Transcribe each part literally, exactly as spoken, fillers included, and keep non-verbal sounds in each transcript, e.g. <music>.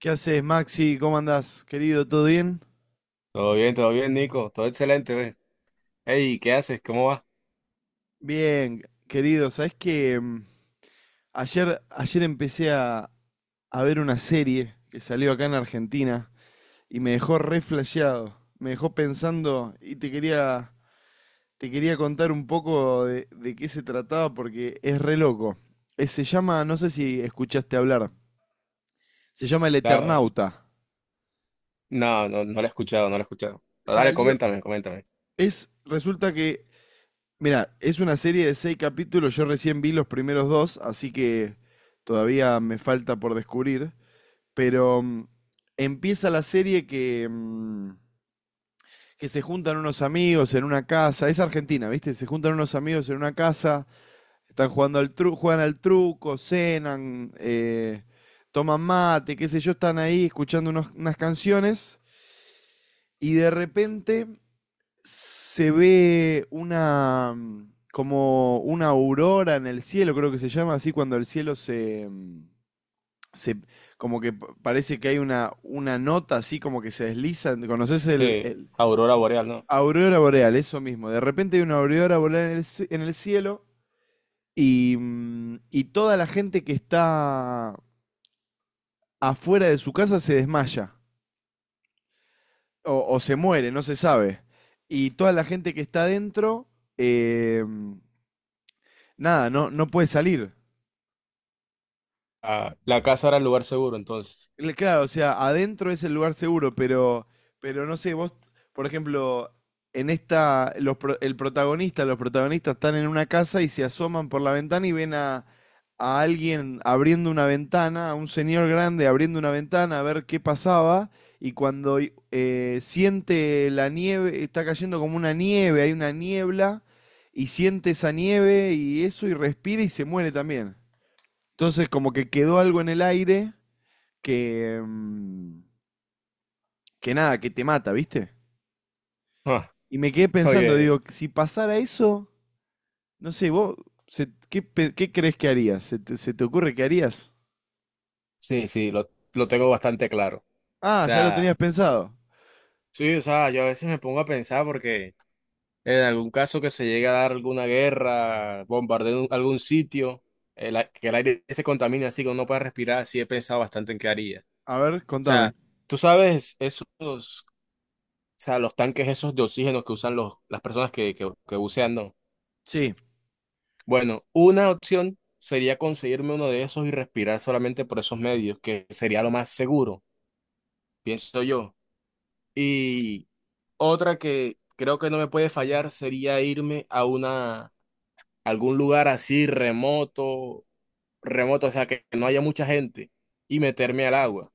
¿Qué haces, Maxi? ¿Cómo andás, querido? ¿Todo bien? Todo bien, todo bien, Nico. Todo excelente, ve. Hey, ¿qué haces? ¿Cómo vas? Bien, querido. Sabés que mm, ayer, ayer empecé a, a ver una serie que salió acá en Argentina y me dejó re flasheado. Me dejó pensando y te quería, te quería contar un poco de, de qué se trataba porque es re loco. Eh, se llama, no sé si escuchaste hablar, se llama El Ya- Eternauta. no, no, no la he escuchado, no la he escuchado. Pero dale, Salió, coméntame, coméntame. es, resulta que Mira, es una serie de seis capítulos, yo recién vi los primeros dos, así que todavía me falta por descubrir, pero mm, empieza la serie que, mm, que se juntan unos amigos en una casa, es Argentina, ¿viste? Se juntan unos amigos en una casa, están jugando al truco, juegan al truco, cenan, eh, toman mate, qué sé yo, están ahí escuchando unos- unas canciones y de repente se ve una mm, como una aurora en el cielo, creo que se llama así, cuando el cielo se, mm, se como que p- parece que hay una, una nota así como que se desliza. ¿Conoces el, Sí, el- Aurora Boreal, ¿no? aurora boreal? Eso mismo. De repente hay una aurora boreal en el, ci- en el cielo y, mm, y toda la gente que está afuera de su casa se desmaya o, o se muere, no se sabe. Y toda la gente que está adentro em, nada, no, no puedes salir. Ah, la casa era el lugar seguro, entonces. Le- Claro, o sea, adentro es el lugar seguro, pero, pero no sé, vos, por ejemplo, en esta, los, pro- el protagonista, los protagonistas están en una casa y se asoman por la ventana y ven a, a alguien abriendo una ventana, a un señor grande abriendo una ventana a ver qué pasaba, y cuando i- eh, siente la nieve, está cayendo como una nieve, hay una niebla, y siente esa nieve y eso y respira y se muere también. Entonces, como que quedó algo en el aire que, mm, que nada, que te mata, ¿viste? Ah, Y me quedé <laughs> pensando, oye, digo, si pasara eso, no sé, vos, se- ¿qué, pe- qué crees que harías? ¿Se te, se te ocurre que harías? sí, sí, lo, lo tengo bastante claro. O Ah, ya lo sea, tenías pensado. sí, o sea, yo a veces me pongo a pensar porque en algún caso que se llegue a dar alguna guerra, bombardeo en algún sitio, el a- que el aire se contamine así, que uno no pueda respirar, sí he pensado bastante en qué haría. O A ver, contame. sea, tú sabes, esos, o sea, los tanques esos de oxígeno que usan los, las personas que, que, que bucean, no. Sí. Bueno, una opción sería conseguirme uno de esos y respirar solamente por esos medios, que sería lo más seguro, pienso yo. Y otra que creo que no me puede fallar sería irme a una, algún lugar así remoto, remoto, o sea, que no haya mucha gente y meterme al agua.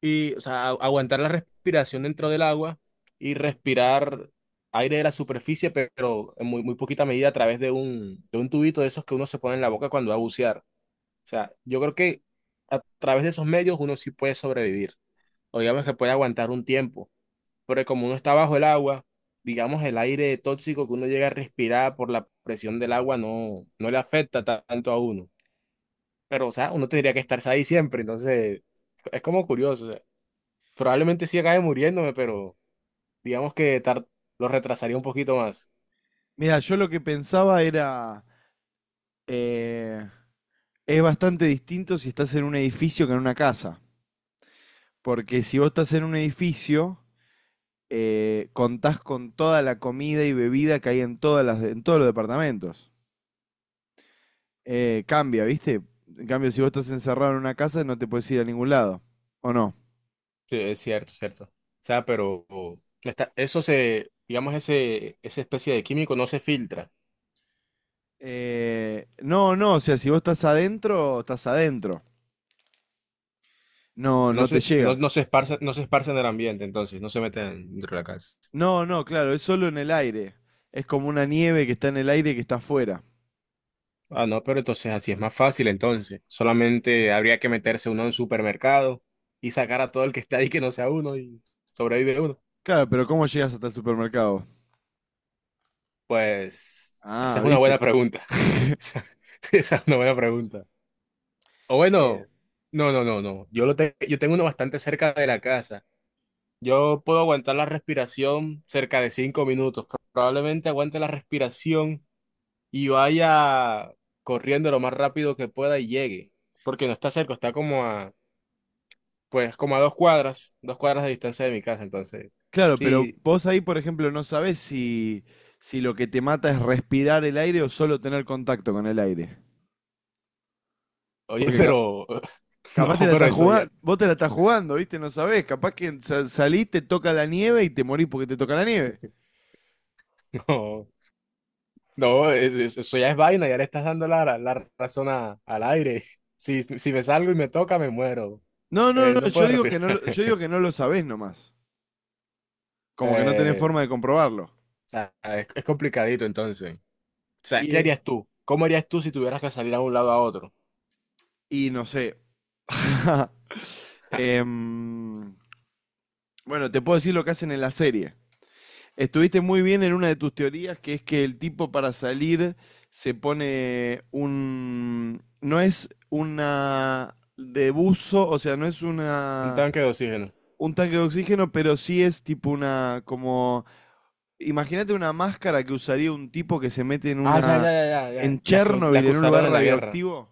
Y, o sea, aguantar la respiración dentro del agua y respirar aire de la superficie, pe- pero en muy, muy poquita medida a través de un, de un tubito de esos que uno se pone en la boca cuando va a bucear. O sea, yo creo que a través de esos medios uno sí puede sobrevivir, o digamos que puede aguantar un tiempo, pero como uno está bajo el agua, digamos el aire tóxico que uno llega a respirar por la presión del agua no, no le afecta ta- tanto a uno. Pero, o sea, uno tendría que estarse ahí siempre, entonces es como curioso. Probablemente sí acabe muriéndome, pero digamos que tar- lo retrasaría un poquito más. Mira, yo lo que pensaba era, eh, es bastante distinto si estás en un edificio que en una casa. Porque si vos estás en un edificio, eh, contás con toda la comida y bebida que hay en, todas las, en todos los departamentos. Eh, cambia, ¿viste? En cambio, si vos estás encerrado en una casa, no te puedes ir a ningún lado, ¿o no? Sí, es cierto, cierto. O sea, pero está- eso se, digamos, ese, esa especie de químico no se filtra, Eh, no, no, o sea, si vos estás adentro, estás adentro. No, no no te se, no, llega. no se esparce, no se esparce en el ambiente, entonces, no se mete dentro de la casa. No, no, claro, es solo en el aire. Es como una nieve que está en el aire que está afuera. Ah, no, pero entonces así es más fácil, entonces. Solamente habría que meterse uno en un supermercado y sacar a todo el que está ahí que no sea uno y sobrevive uno. Claro, pero ¿cómo llegas hasta el supermercado? Pues, esa Ah, es una ¿viste? buena pregunta. <laughs> Esa esa es una buena pregunta. O Eh, bueno, no, no, no, no. Yo lo te- yo tengo uno bastante cerca de la casa. Yo puedo aguantar la respiración cerca de cinco minutos. Probablemente aguante la respiración y vaya corriendo lo más rápido que pueda y llegue. Porque no está cerca, está como a, pues, como a dos cuadras, dos cuadras de distancia de mi casa. Entonces, Claro, pero sí, vos ahí, por ejemplo, no sabés si, si lo que te mata es respirar el aire o solo tener contacto con el aire. oye, Porque ca- pero, <laughs> capaz no, te la pero estás eso ya, jugando, vos te la estás jugando, ¿viste? No sabés, capaz que sa- salís, te toca la nieve y te morís porque te toca la nieve. <laughs> no, no, es- es- eso ya es vaina, ya le estás dando la, la razón a- al aire. <laughs> Si, si me salgo y me toca, me muero. No, no, Eh, no, no yo puedo digo que respirar. no, lo- yo <laughs> digo que no lo sabés nomás. Como que no tenés Eh, forma de comprobarlo. o sea, es, es complicadito entonces. O sea, Y, ¿qué eh, harías tú? ¿Cómo harías tú si tuvieras que salir a un lado a otro? y no sé. <laughs> <laughs> Em, bueno, te puedo decir lo que hacen en la serie. Estuviste muy bien en una de tus teorías, que es que el tipo para salir se pone un... No es una de buzo, o sea, no es Un una tanque de oxígeno. un tanque de oxígeno, pero sí es tipo una como imagínate una máscara que usaría un tipo que se mete en Ah, ya, una ya, ya, ya, ya. en Las que, us- las Chernobyl, que en un usaron lugar en la guerra. radioactivo,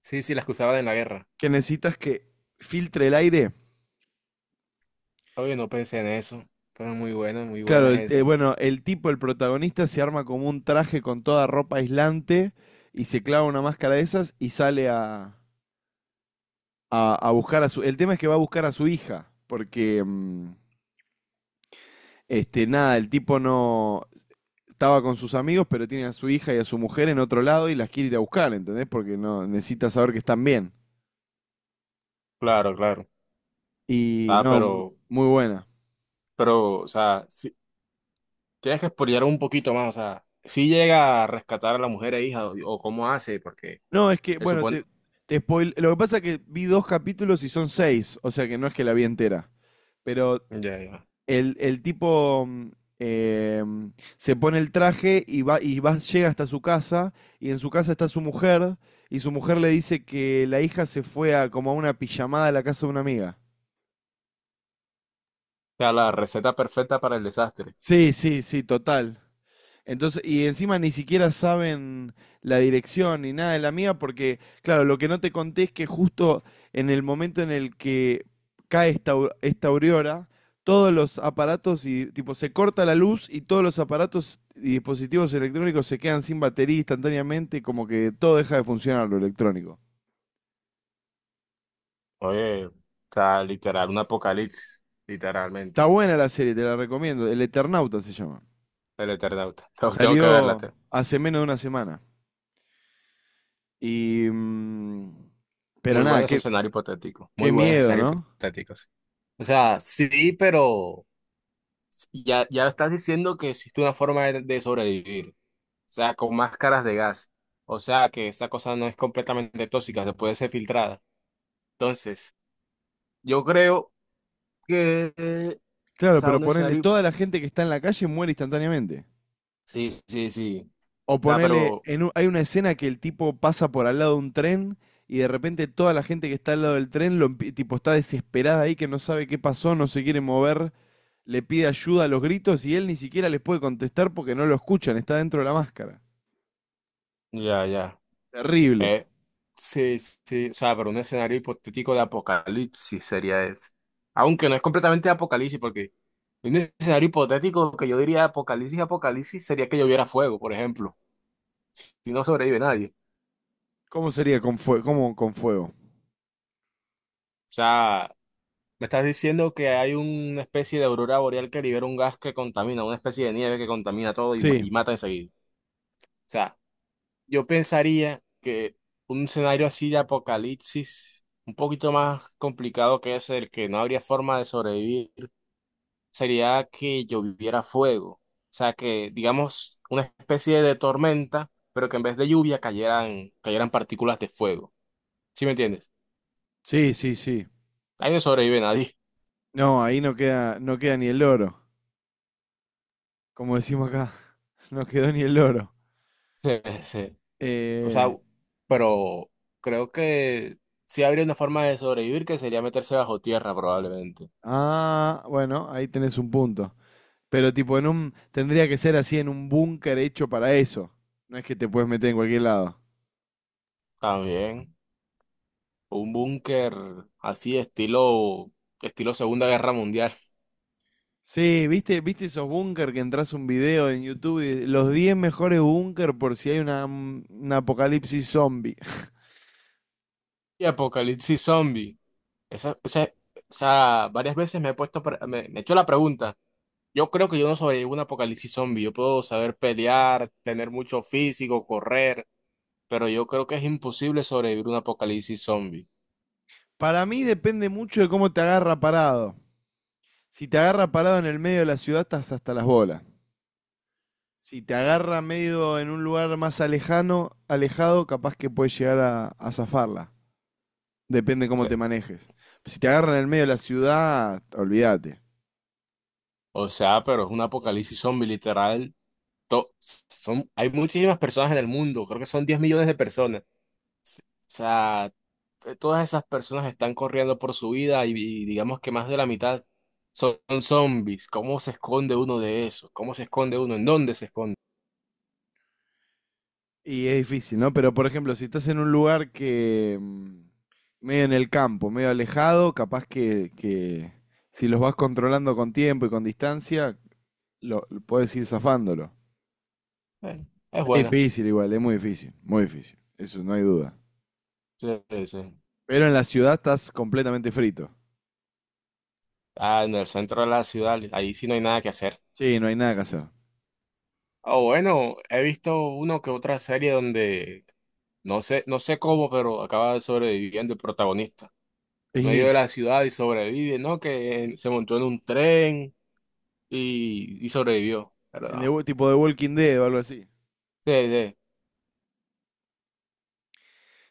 Sí, sí, las que usaban en la guerra. que necesitas que filtre el aire. Oye, no pensé en eso. Pero muy buenas, muy Claro, buenas el, eh, esas. bueno, el tipo, el protagonista, se arma como un traje con toda ropa aislante y se clava una máscara de esas y sale a, a- a buscar a su... El tema es que va a buscar a su hija, porque, mm, este, nada, el tipo no... Estaba con sus amigos, pero tiene a su hija y a su mujer en otro lado y las quiere ir a buscar, ¿entendés? Porque no necesita saber que están bien. Claro, claro. Y Ah, no, muy, pero, muy buena. pero, o sea, si, tienes que explorar un poquito más. O sea, si llega a rescatar a la mujer e hija o, o cómo hace, porque No, es que, se bueno, supone... te, te spoil... Lo que pasa es que vi dos capítulos y son seis, o sea que no es que la vi entera. Pero Ya, ya. O el, el tipo mm, eh, se pone el traje y va, y va, llega hasta su casa, y en su casa está su mujer, y su mujer le dice que la hija se fue a como a una pijamada a la casa de una amiga. sea, la receta perfecta para el desastre. Sí, sí, sí, total. Entonces, y encima ni siquiera saben la dirección ni nada de la mía, porque, claro, lo que no te conté es que justo en el momento en el que cae esta, au- esta aurora, todos los aparatos y tipo se corta la luz y todos los aparatos y dispositivos electrónicos se quedan sin batería instantáneamente, y como que todo deja de funcionar lo electrónico. Oye, o sea, literal, un apocalipsis, literalmente, Está buena la serie, te la recomiendo. El Eternauta se llama. el Eternauta. <laughs> Pero tengo que verla. Salió te- hace menos de una semana. Y mm, pero Muy nada, bueno ese qué, escenario hipotético, qué muy buenos miedo, escenarios ¿no? hipotéticos. O sea, sí, pero ya, ya estás diciendo que existe una forma de, de sobrevivir, o sea, con máscaras de gas. O sea, que esa cosa no es completamente tóxica, se puede ser filtrada. Entonces, yo creo que, eh, o Claro, sea, pero un ponele, escenario, toda la gente que está en la calle muere instantáneamente. sí, sí, sí. O O sea, ponele, pero, en un- hay una escena que el tipo pasa por al lado de un tren y de repente toda la gente que está al lado del tren, lo, empie- tipo, está desesperada ahí, que no sabe qué pasó, no se quiere mover, le pide ayuda a los gritos y él ni siquiera les puede contestar porque no lo escuchan, está dentro de la máscara. ya, ya. Terrible. Eh, sí, sí, o sea, pero un escenario hipotético de apocalipsis sería ese. Aunque no es completamente apocalipsis, porque un escenario hipotético que yo diría apocalipsis, apocalipsis sería que lloviera fuego, por ejemplo, y no sobrevive nadie. ¿Cómo sería con fuego? ¿Cómo con fuego? O sea, me estás diciendo que hay una especie de aurora boreal que libera un gas que contamina, una especie de nieve que contamina todo y, ma- Sí, y mata enseguida. O sea, yo pensaría que un escenario así de apocalipsis, un poquito más complicado que ese, el que no habría forma de sobrevivir sería que lloviera fuego. O sea, que digamos una especie de tormenta, pero que en vez de lluvia cayeran, cayeran partículas de fuego. ¿Sí me entiendes? sí, sí, sí. Ahí no sobrevive nadie. <laughs> No, ahí no queda, no queda ni el oro, como decimos acá. <laughs> No quedó ni el oro. Sí, sí. O sea, Eh, pero creo que sí habría una forma de sobrevivir que sería meterse bajo tierra probablemente. Ah, bueno, ahí tenés un punto. Pero tipo en un, tendría que ser así en un búnker hecho para eso. No es que te puedes meter en cualquier lado. También un búnker así estilo estilo Segunda Guerra Mundial. Sí, ¿viste, viste esos búnker que entras un video en YouTube de los diez mejores búnker por si hay una, mm, un apocalipsis zombie? <laughs> Y Apocalipsis Zombie. Esa, esa, o sea, varias veces me he puesto, pre- me, me he hecho la pregunta. Yo creo que yo no sobrevivo a un apocalipsis zombie. Yo puedo saber pelear, tener mucho físico, correr, pero yo creo que es imposible sobrevivir a un apocalipsis zombie. <laughs> Para mí depende mucho de cómo te agarra parado. Si te agarra parado en el medio de la ciudad, estás hasta las bolas. Si te agarra medio en un lugar más alejano, alejado, capaz que puedes llegar a, a zafarla. Depende Sí. cómo te manejes. Si te agarran en el medio de la ciudad, olvídate. O sea, pero es un apocalipsis zombie literal. to- Son, hay muchísimas personas en el mundo, creo que son diez millones de personas. S- O sea, eh, todas esas personas están corriendo por su vida y, y digamos que más de la mitad son, son zombies. ¿Cómo se esconde uno de eso? ¿Cómo se esconde uno? ¿En dónde se esconde? Y es difícil, ¿no? Pero por ejemplo, si estás en un lugar que mm, medio en el campo, medio alejado, capaz que, que si los vas controlando con tiempo y con distancia, lo, lo podés ir zafándolo. Eh, es Es buena. difícil igual, es muy difícil, muy difícil. Eso no hay duda. Sí, sí, sí. Pero en la ciudad estás completamente frito. Ah, en el centro de la ciudad, ahí sí no hay nada que hacer. Sí, no hay nada que hacer. O bueno, he visto uno que otra serie donde no sé, no sé cómo, pero acaba sobreviviendo el protagonista. En medio de Y la ciudad y sobrevive, ¿no? Que en- se montó en un tren y, y sobrevivió, en ¿verdad? The tipo de Walking Dead o algo así. Sí, sí.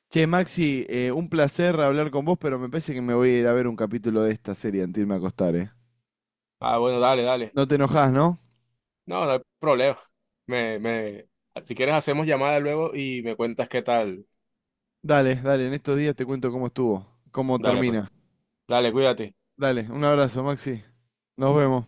Che, Maxi, eh, un placer hablar con vos, pero me parece que me voy a ir a ver un capítulo de esta serie antes de irme a acostar, ¿eh? Ah, bueno, dale, dale. No te enojás, ¿no? No, no hay problema. Me, me, si quieres hacemos llamada luego y me cuentas qué tal. Dale, dale, en estos días te cuento cómo estuvo, cómo Dale, pues. termina. Dale, cuídate. Dale, un abrazo, Maxi. Nos vemos.